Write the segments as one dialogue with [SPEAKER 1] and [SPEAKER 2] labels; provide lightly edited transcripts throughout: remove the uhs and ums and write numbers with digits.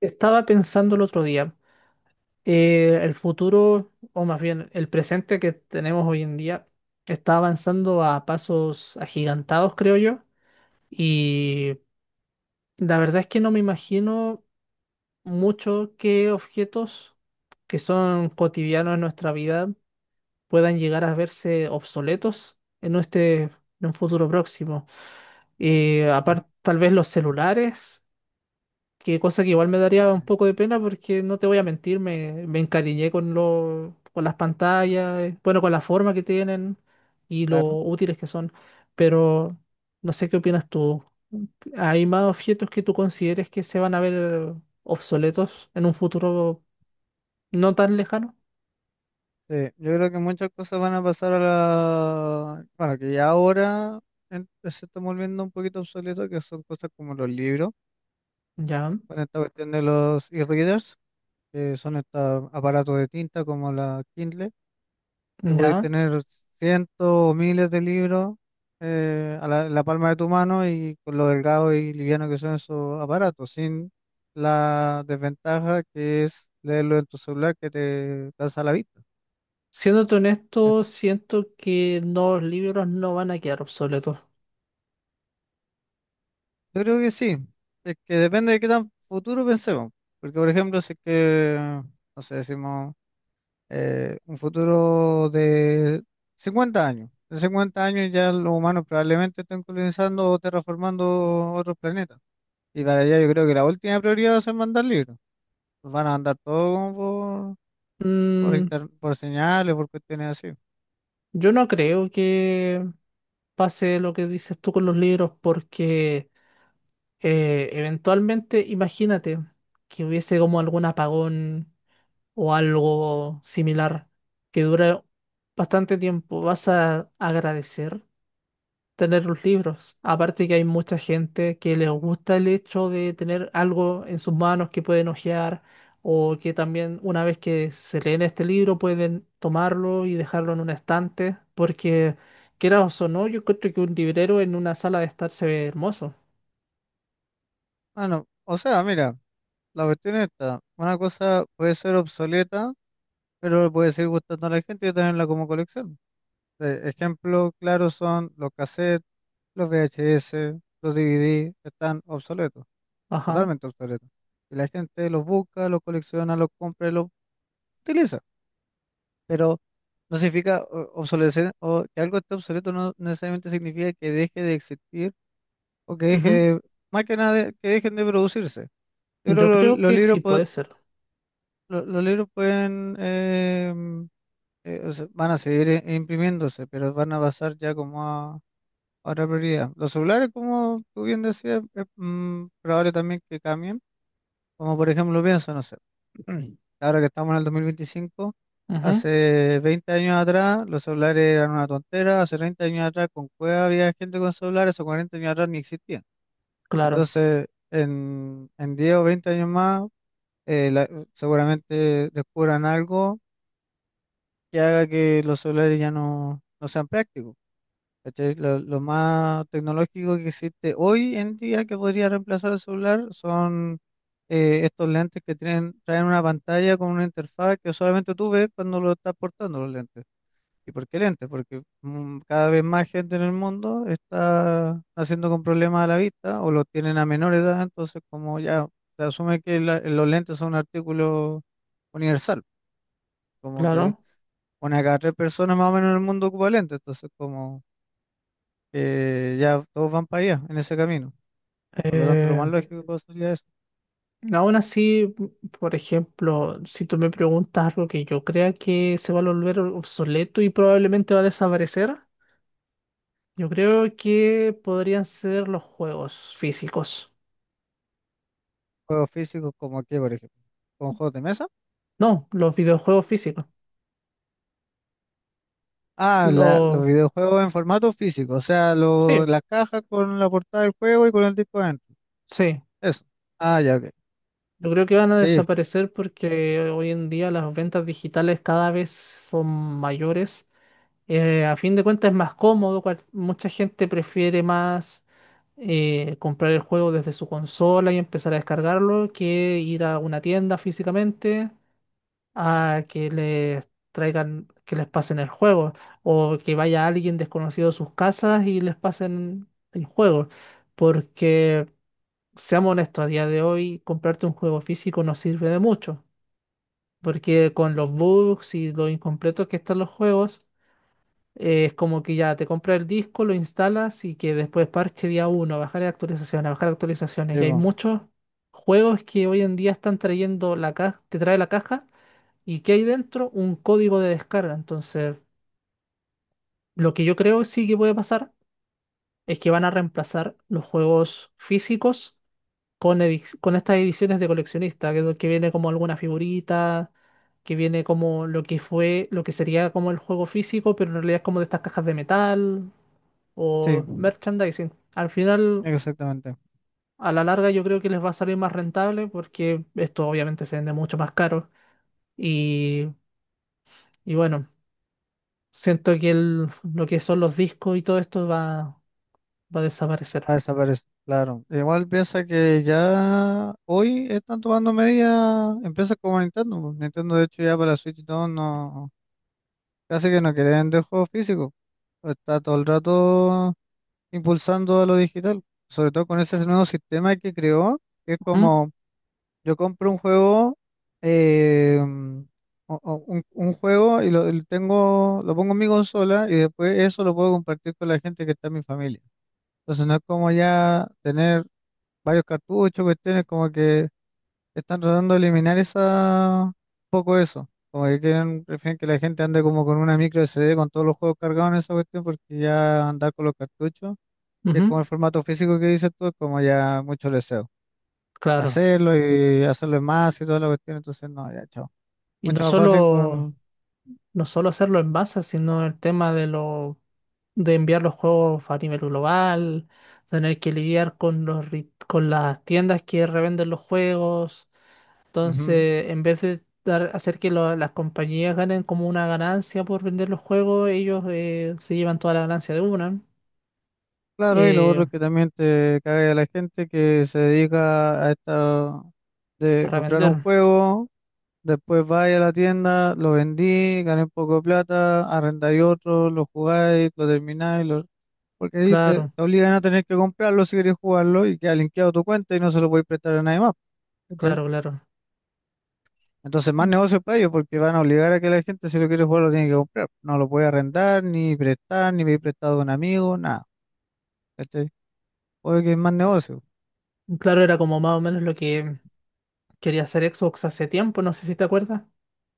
[SPEAKER 1] Estaba pensando el otro día, el futuro, o más bien el presente que tenemos hoy en día, está avanzando a pasos agigantados, creo yo, y la verdad es que no me imagino mucho qué objetos que son cotidianos en nuestra vida puedan llegar a verse obsoletos en un futuro próximo. Y
[SPEAKER 2] Ujú.
[SPEAKER 1] aparte, tal vez los celulares. Que cosa que igual me daría un
[SPEAKER 2] Mm.
[SPEAKER 1] poco de pena porque no te voy a mentir, me encariñé con con las pantallas, bueno, con la forma que tienen y lo
[SPEAKER 2] Claro,
[SPEAKER 1] útiles que son, pero no sé qué opinas tú. ¿Hay más objetos que tú consideres que se van a ver obsoletos en un futuro no tan lejano?
[SPEAKER 2] sí. Yo creo que muchas cosas van a pasar a la... Bueno, que ya ahora se está volviendo un poquito obsoleto, que son cosas como los libros,
[SPEAKER 1] Ya,
[SPEAKER 2] con esta cuestión de los e-readers, que son estos aparatos de tinta como la Kindle, que podéis
[SPEAKER 1] ya.
[SPEAKER 2] tener cientos o miles de libros a en la palma de tu mano y con lo delgado y liviano que son esos aparatos, sin la desventaja que es leerlo en tu celular que te cansa la vista.
[SPEAKER 1] Siéndote honesto, siento que no, los libros no van a quedar obsoletos.
[SPEAKER 2] Yo creo que sí. Es que depende de qué tan futuro pensemos. Porque, por ejemplo, no sé, decimos un futuro de 50 años. En 50 años ya los humanos probablemente estén colonizando o terraformando otros planetas. Y para allá yo creo que la última prioridad va a ser mandar libros. Los van a mandar todo como
[SPEAKER 1] Mm,
[SPEAKER 2] por señales, por cuestiones así.
[SPEAKER 1] yo no creo que pase lo que dices tú con los libros, porque eventualmente imagínate que hubiese como algún apagón o algo similar que dure bastante tiempo. ¿Vas a agradecer tener los libros? Aparte que hay mucha gente que les gusta el hecho de tener algo en sus manos que pueden hojear, o que también una vez que se leen este libro pueden tomarlo y dejarlo en un estante porque quieras o so no, yo creo que un librero en una sala de estar se ve hermoso.
[SPEAKER 2] Bueno, o sea, mira, la cuestión está. Una cosa puede ser obsoleta pero puede seguir gustando a la gente y tenerla como colección. Ejemplo claro son los cassettes, los VHS, los DVD, están obsoletos,
[SPEAKER 1] Ajá.
[SPEAKER 2] totalmente obsoletos. Y la gente los busca, los colecciona, los compra y los utiliza. Pero no significa obsolecer o que algo esté obsoleto, no necesariamente significa que deje de existir o que deje
[SPEAKER 1] Ujú.
[SPEAKER 2] de- más que nada, que dejen de producirse. Yo creo
[SPEAKER 1] Yo
[SPEAKER 2] que
[SPEAKER 1] creo
[SPEAKER 2] los
[SPEAKER 1] que sí
[SPEAKER 2] libros,
[SPEAKER 1] puede ser.
[SPEAKER 2] los libros pueden o sea, van a seguir imprimiéndose, pero van a pasar ya como a otra prioridad. Los celulares, como tú bien decías, es probable también que cambien. Como por ejemplo, pienso, no sé, ahora que estamos en el 2025,
[SPEAKER 1] Ujú,
[SPEAKER 2] hace 20 años atrás los celulares eran una tontera, hace 30 años atrás con cueva había gente con celulares, o 40 años atrás ni existían.
[SPEAKER 1] claro,
[SPEAKER 2] Entonces, en 10 o 20 años más, eh, la- seguramente descubran algo que haga que los celulares no sean prácticos. ¿Cachai? Lo más tecnológico que existe hoy en día que podría reemplazar el celular son estos lentes que tienen, traen una pantalla con una interfaz que solamente tú ves cuando lo estás portando los lentes. ¿Y por qué lentes? Porque cada vez más gente en el mundo está haciendo con problemas a la vista o lo tienen a menor edad, entonces como ya se asume que los lentes son un artículo universal, como que
[SPEAKER 1] claro.
[SPEAKER 2] una de cada tres personas más o menos en el mundo ocupa lentes, entonces como ya todos van para allá en ese camino. Por lo tanto, lo
[SPEAKER 1] Eh,
[SPEAKER 2] más lógico que puedo sería es
[SPEAKER 1] aún así, por ejemplo, si tú me preguntas algo que yo crea que se va a volver obsoleto y probablemente va a desaparecer, yo creo que podrían ser los juegos físicos.
[SPEAKER 2] juegos físicos como aquí, por ejemplo, con juegos de mesa.
[SPEAKER 1] No, los videojuegos físicos.
[SPEAKER 2] Ah,
[SPEAKER 1] Los...
[SPEAKER 2] los videojuegos en formato físico, o sea,
[SPEAKER 1] sí,
[SPEAKER 2] la caja con la portada del juego y con el disco adentro.
[SPEAKER 1] sí.
[SPEAKER 2] Eso. Ah, ya, ok.
[SPEAKER 1] Yo creo que van a
[SPEAKER 2] Sí,
[SPEAKER 1] desaparecer porque hoy en día las ventas digitales cada vez son mayores. A fin de cuentas es más cómodo, mucha gente prefiere más comprar el juego desde su consola y empezar a descargarlo, que ir a una tienda físicamente a que les traigan, que les pasen el juego, o que vaya alguien desconocido a sus casas y les pasen el juego. Porque, seamos honestos, a día de hoy comprarte un juego físico no sirve de mucho, porque con los bugs y lo incompletos que están los juegos, es como que ya te compras el disco, lo instalas y que después parche día uno, bajar actualizaciones, bajar actualizaciones.
[SPEAKER 2] sí,
[SPEAKER 1] Y hay
[SPEAKER 2] po.
[SPEAKER 1] muchos juegos que hoy en día están trayendo la caja, te trae la caja y que hay dentro un código de descarga. Entonces, lo que yo creo sí que puede pasar es que van a reemplazar los juegos físicos con estas ediciones de coleccionista, que es lo que viene como alguna figurita, que viene como lo que fue, lo que sería como el juego físico, pero en realidad es como de estas cajas de metal
[SPEAKER 2] Sí,
[SPEAKER 1] o merchandising. Al final,
[SPEAKER 2] exactamente.
[SPEAKER 1] a la larga, yo creo que les va a salir más rentable porque esto obviamente se vende mucho más caro. Y, y bueno, siento que lo que son los discos y todo esto va a desaparecer.
[SPEAKER 2] Ah, desaparece, claro. Igual piensa que ya hoy están tomando medidas empresas como Nintendo, po. Nintendo, de hecho, ya para la Switch 2 casi que no quieren vender juegos físicos. Está todo el rato impulsando a lo digital, sobre todo con ese nuevo sistema que creó, que es
[SPEAKER 1] Ujú,
[SPEAKER 2] como yo compro un juego, eh, mm, un juego y y lo tengo, lo pongo en mi consola y después eso lo puedo compartir con la gente que está en mi familia. Entonces no es como ya tener varios cartuchos, cuestiones como que están tratando de eliminar esa, un poco eso. Como que quieren, prefieren que la gente ande como con una micro SD con todos los juegos cargados en esa cuestión, porque ya andar con los cartuchos, que es
[SPEAKER 1] ujú,
[SPEAKER 2] como el formato físico que dices tú, es como ya mucho deseo.
[SPEAKER 1] claro.
[SPEAKER 2] Hacerlo y hacerlo en más y toda la cuestión, entonces no, ya, chao.
[SPEAKER 1] Y no
[SPEAKER 2] Mucho más fácil
[SPEAKER 1] solo,
[SPEAKER 2] con,
[SPEAKER 1] no solo hacerlo en masa, sino el tema de de enviar los juegos a nivel global, tener que lidiar con con las tiendas que revenden los juegos.
[SPEAKER 2] ujú.
[SPEAKER 1] Entonces, en vez de hacer que las compañías ganen como una ganancia por vender los juegos, ellos se llevan toda la ganancia de una
[SPEAKER 2] Claro, y lo
[SPEAKER 1] eh,
[SPEAKER 2] otro que también te cae a la gente que se dedica a esta
[SPEAKER 1] a
[SPEAKER 2] de comprar
[SPEAKER 1] revender.
[SPEAKER 2] un juego, después vaya a la tienda, lo vendí, gané un poco de plata, arrendáis otro, lo jugáis, lo termináis, lo... porque ahí
[SPEAKER 1] Claro,
[SPEAKER 2] te obligan a tener que comprarlo si queréis jugarlo y queda linkeado tu cuenta y no se lo podéis prestar a nadie más, ¿cachai?
[SPEAKER 1] claro, claro.
[SPEAKER 2] Entonces más
[SPEAKER 1] Mm,
[SPEAKER 2] negocio para ellos porque van a obligar a que la gente si lo quiere jugar lo tiene que comprar, no lo puede arrendar, ni prestar, ni pedir prestado a un amigo, nada, ¿cachai? Oye, que es más negocio.
[SPEAKER 1] claro, era como más o menos lo que quería hacer Xbox hace tiempo, no sé si te acuerdas.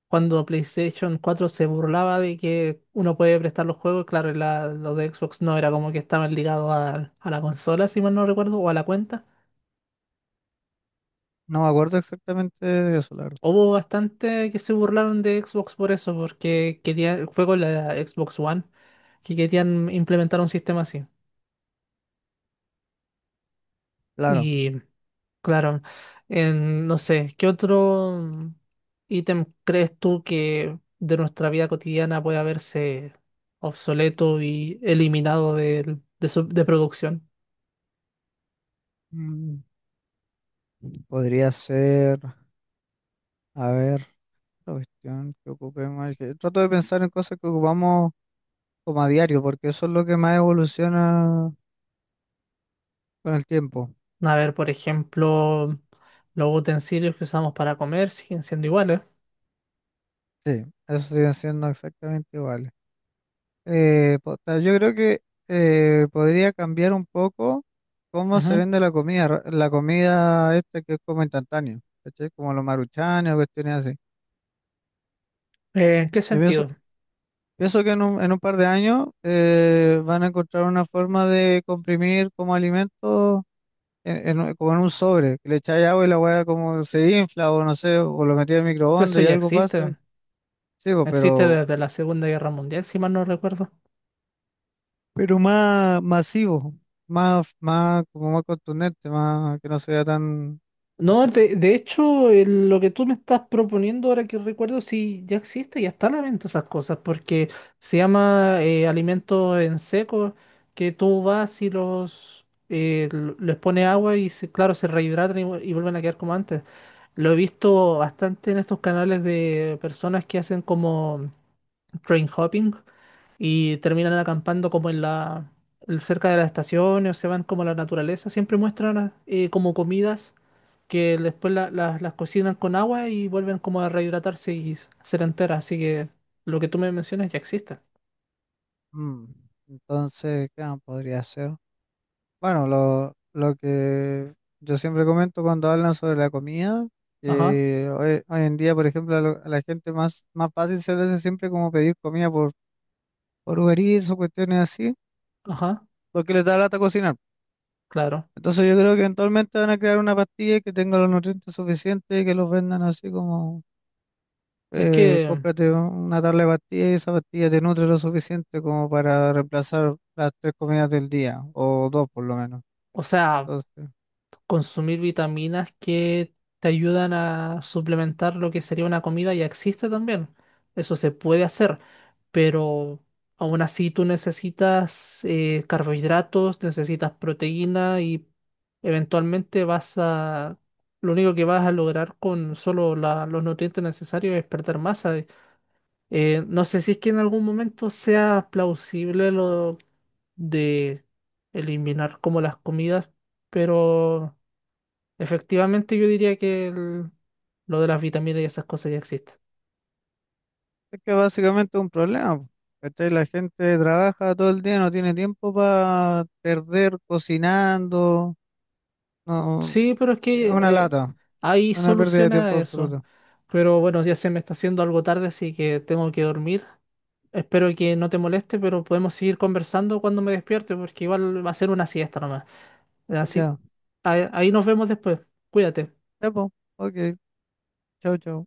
[SPEAKER 1] Cuando PlayStation 4 se burlaba de que uno puede prestar los juegos, claro, y lo de Xbox no era como que estaban ligados a la consola, si mal no recuerdo, o a la cuenta.
[SPEAKER 2] No me acuerdo exactamente de eso, la verdad.
[SPEAKER 1] Hubo bastante que se burlaron de Xbox por eso, porque quería, fue con la Xbox One que querían implementar un sistema así.
[SPEAKER 2] Claro.
[SPEAKER 1] Y claro, en, no sé, ¿qué otro ítem crees tú que de nuestra vida cotidiana puede haberse obsoleto y eliminado de, de producción?
[SPEAKER 2] Mm, podría ser, a ver, la cuestión que ocupemos. Trato de pensar en cosas que ocupamos como a diario, porque eso es lo que más evoluciona con el tiempo.
[SPEAKER 1] A ver, por ejemplo, los utensilios que usamos para comer siguen siendo iguales.
[SPEAKER 2] Sí, eso sigue siendo exactamente igual. Yo creo que podría cambiar un poco cómo se
[SPEAKER 1] Ujú.
[SPEAKER 2] vende la comida, la comida esta que es como instantánea, ¿cachai? Como los maruchanes o cuestiones así.
[SPEAKER 1] ¿En qué
[SPEAKER 2] Yo pienso
[SPEAKER 1] sentido?
[SPEAKER 2] Pienso que en en un par de años van a encontrar una forma de comprimir como alimento en, como en un sobre, que le echáis agua y la hueá como se infla o no sé, o lo metí al
[SPEAKER 1] Pero eso
[SPEAKER 2] microondas y
[SPEAKER 1] ya
[SPEAKER 2] algo pasa.
[SPEAKER 1] existe.
[SPEAKER 2] Sí, po,
[SPEAKER 1] Existe desde la Segunda Guerra Mundial, si mal no recuerdo.
[SPEAKER 2] pero más masivo, como más contundente, más que no sea tan, no
[SPEAKER 1] No,
[SPEAKER 2] sé.
[SPEAKER 1] de hecho, lo que tú me estás proponiendo ahora que recuerdo, sí, ya existe, ya está a la venta esas cosas, porque se llama alimento en seco, que tú vas y los les pones agua y claro, se rehidratan y, y vuelven a quedar como antes. Lo he visto bastante en estos canales de personas que hacen como train hopping y terminan acampando como en cerca de las estaciones o se van como a la naturaleza. Siempre muestran como comidas que después las cocinan con agua y vuelven como a rehidratarse y ser enteras. Así que lo que tú me mencionas ya existe.
[SPEAKER 2] Mm. Entonces, ¿qué más podría ser? Bueno, lo que yo siempre comento cuando hablan sobre la comida,
[SPEAKER 1] Ajá,
[SPEAKER 2] que hoy en día, por ejemplo, a la gente más fácil se le hace siempre como pedir comida por Uber Eats o cuestiones así,
[SPEAKER 1] ajá,
[SPEAKER 2] porque les da lata cocinar.
[SPEAKER 1] claro.
[SPEAKER 2] Entonces yo creo que eventualmente van a crear una pastilla que tenga los nutrientes suficientes y que los vendan así como,
[SPEAKER 1] Es que,
[SPEAKER 2] cómprate una tabla de pastillas y esa pastilla te nutre lo suficiente como para reemplazar las tres comidas del día, o dos por lo menos.
[SPEAKER 1] o sea,
[SPEAKER 2] Entonces...
[SPEAKER 1] consumir vitaminas que te ayudan a suplementar lo que sería una comida ya existe también. Eso se puede hacer, pero aún así tú necesitas carbohidratos, necesitas proteína y eventualmente vas a... Lo único que vas a lograr con solo los nutrientes necesarios es perder masa. No sé si es que en algún momento sea plausible lo de eliminar como las comidas, pero... Efectivamente, yo diría que lo de las vitaminas y esas cosas ya existen.
[SPEAKER 2] Es que básicamente es un problema, po, ¿cachai? La gente trabaja todo el día, no tiene tiempo para perder cocinando, no,
[SPEAKER 1] Sí, pero es
[SPEAKER 2] es
[SPEAKER 1] que
[SPEAKER 2] una lata,
[SPEAKER 1] hay
[SPEAKER 2] una pérdida de
[SPEAKER 1] solución a
[SPEAKER 2] tiempo
[SPEAKER 1] eso.
[SPEAKER 2] absoluta.
[SPEAKER 1] Pero bueno, ya se me está haciendo algo tarde, así que tengo que dormir. Espero que no te moleste, pero podemos seguir conversando cuando me despierte, porque igual va a ser una siesta nomás. Así,
[SPEAKER 2] Ya,
[SPEAKER 1] ahí nos vemos después. Cuídate.
[SPEAKER 2] ya, po, ok, chao, chao.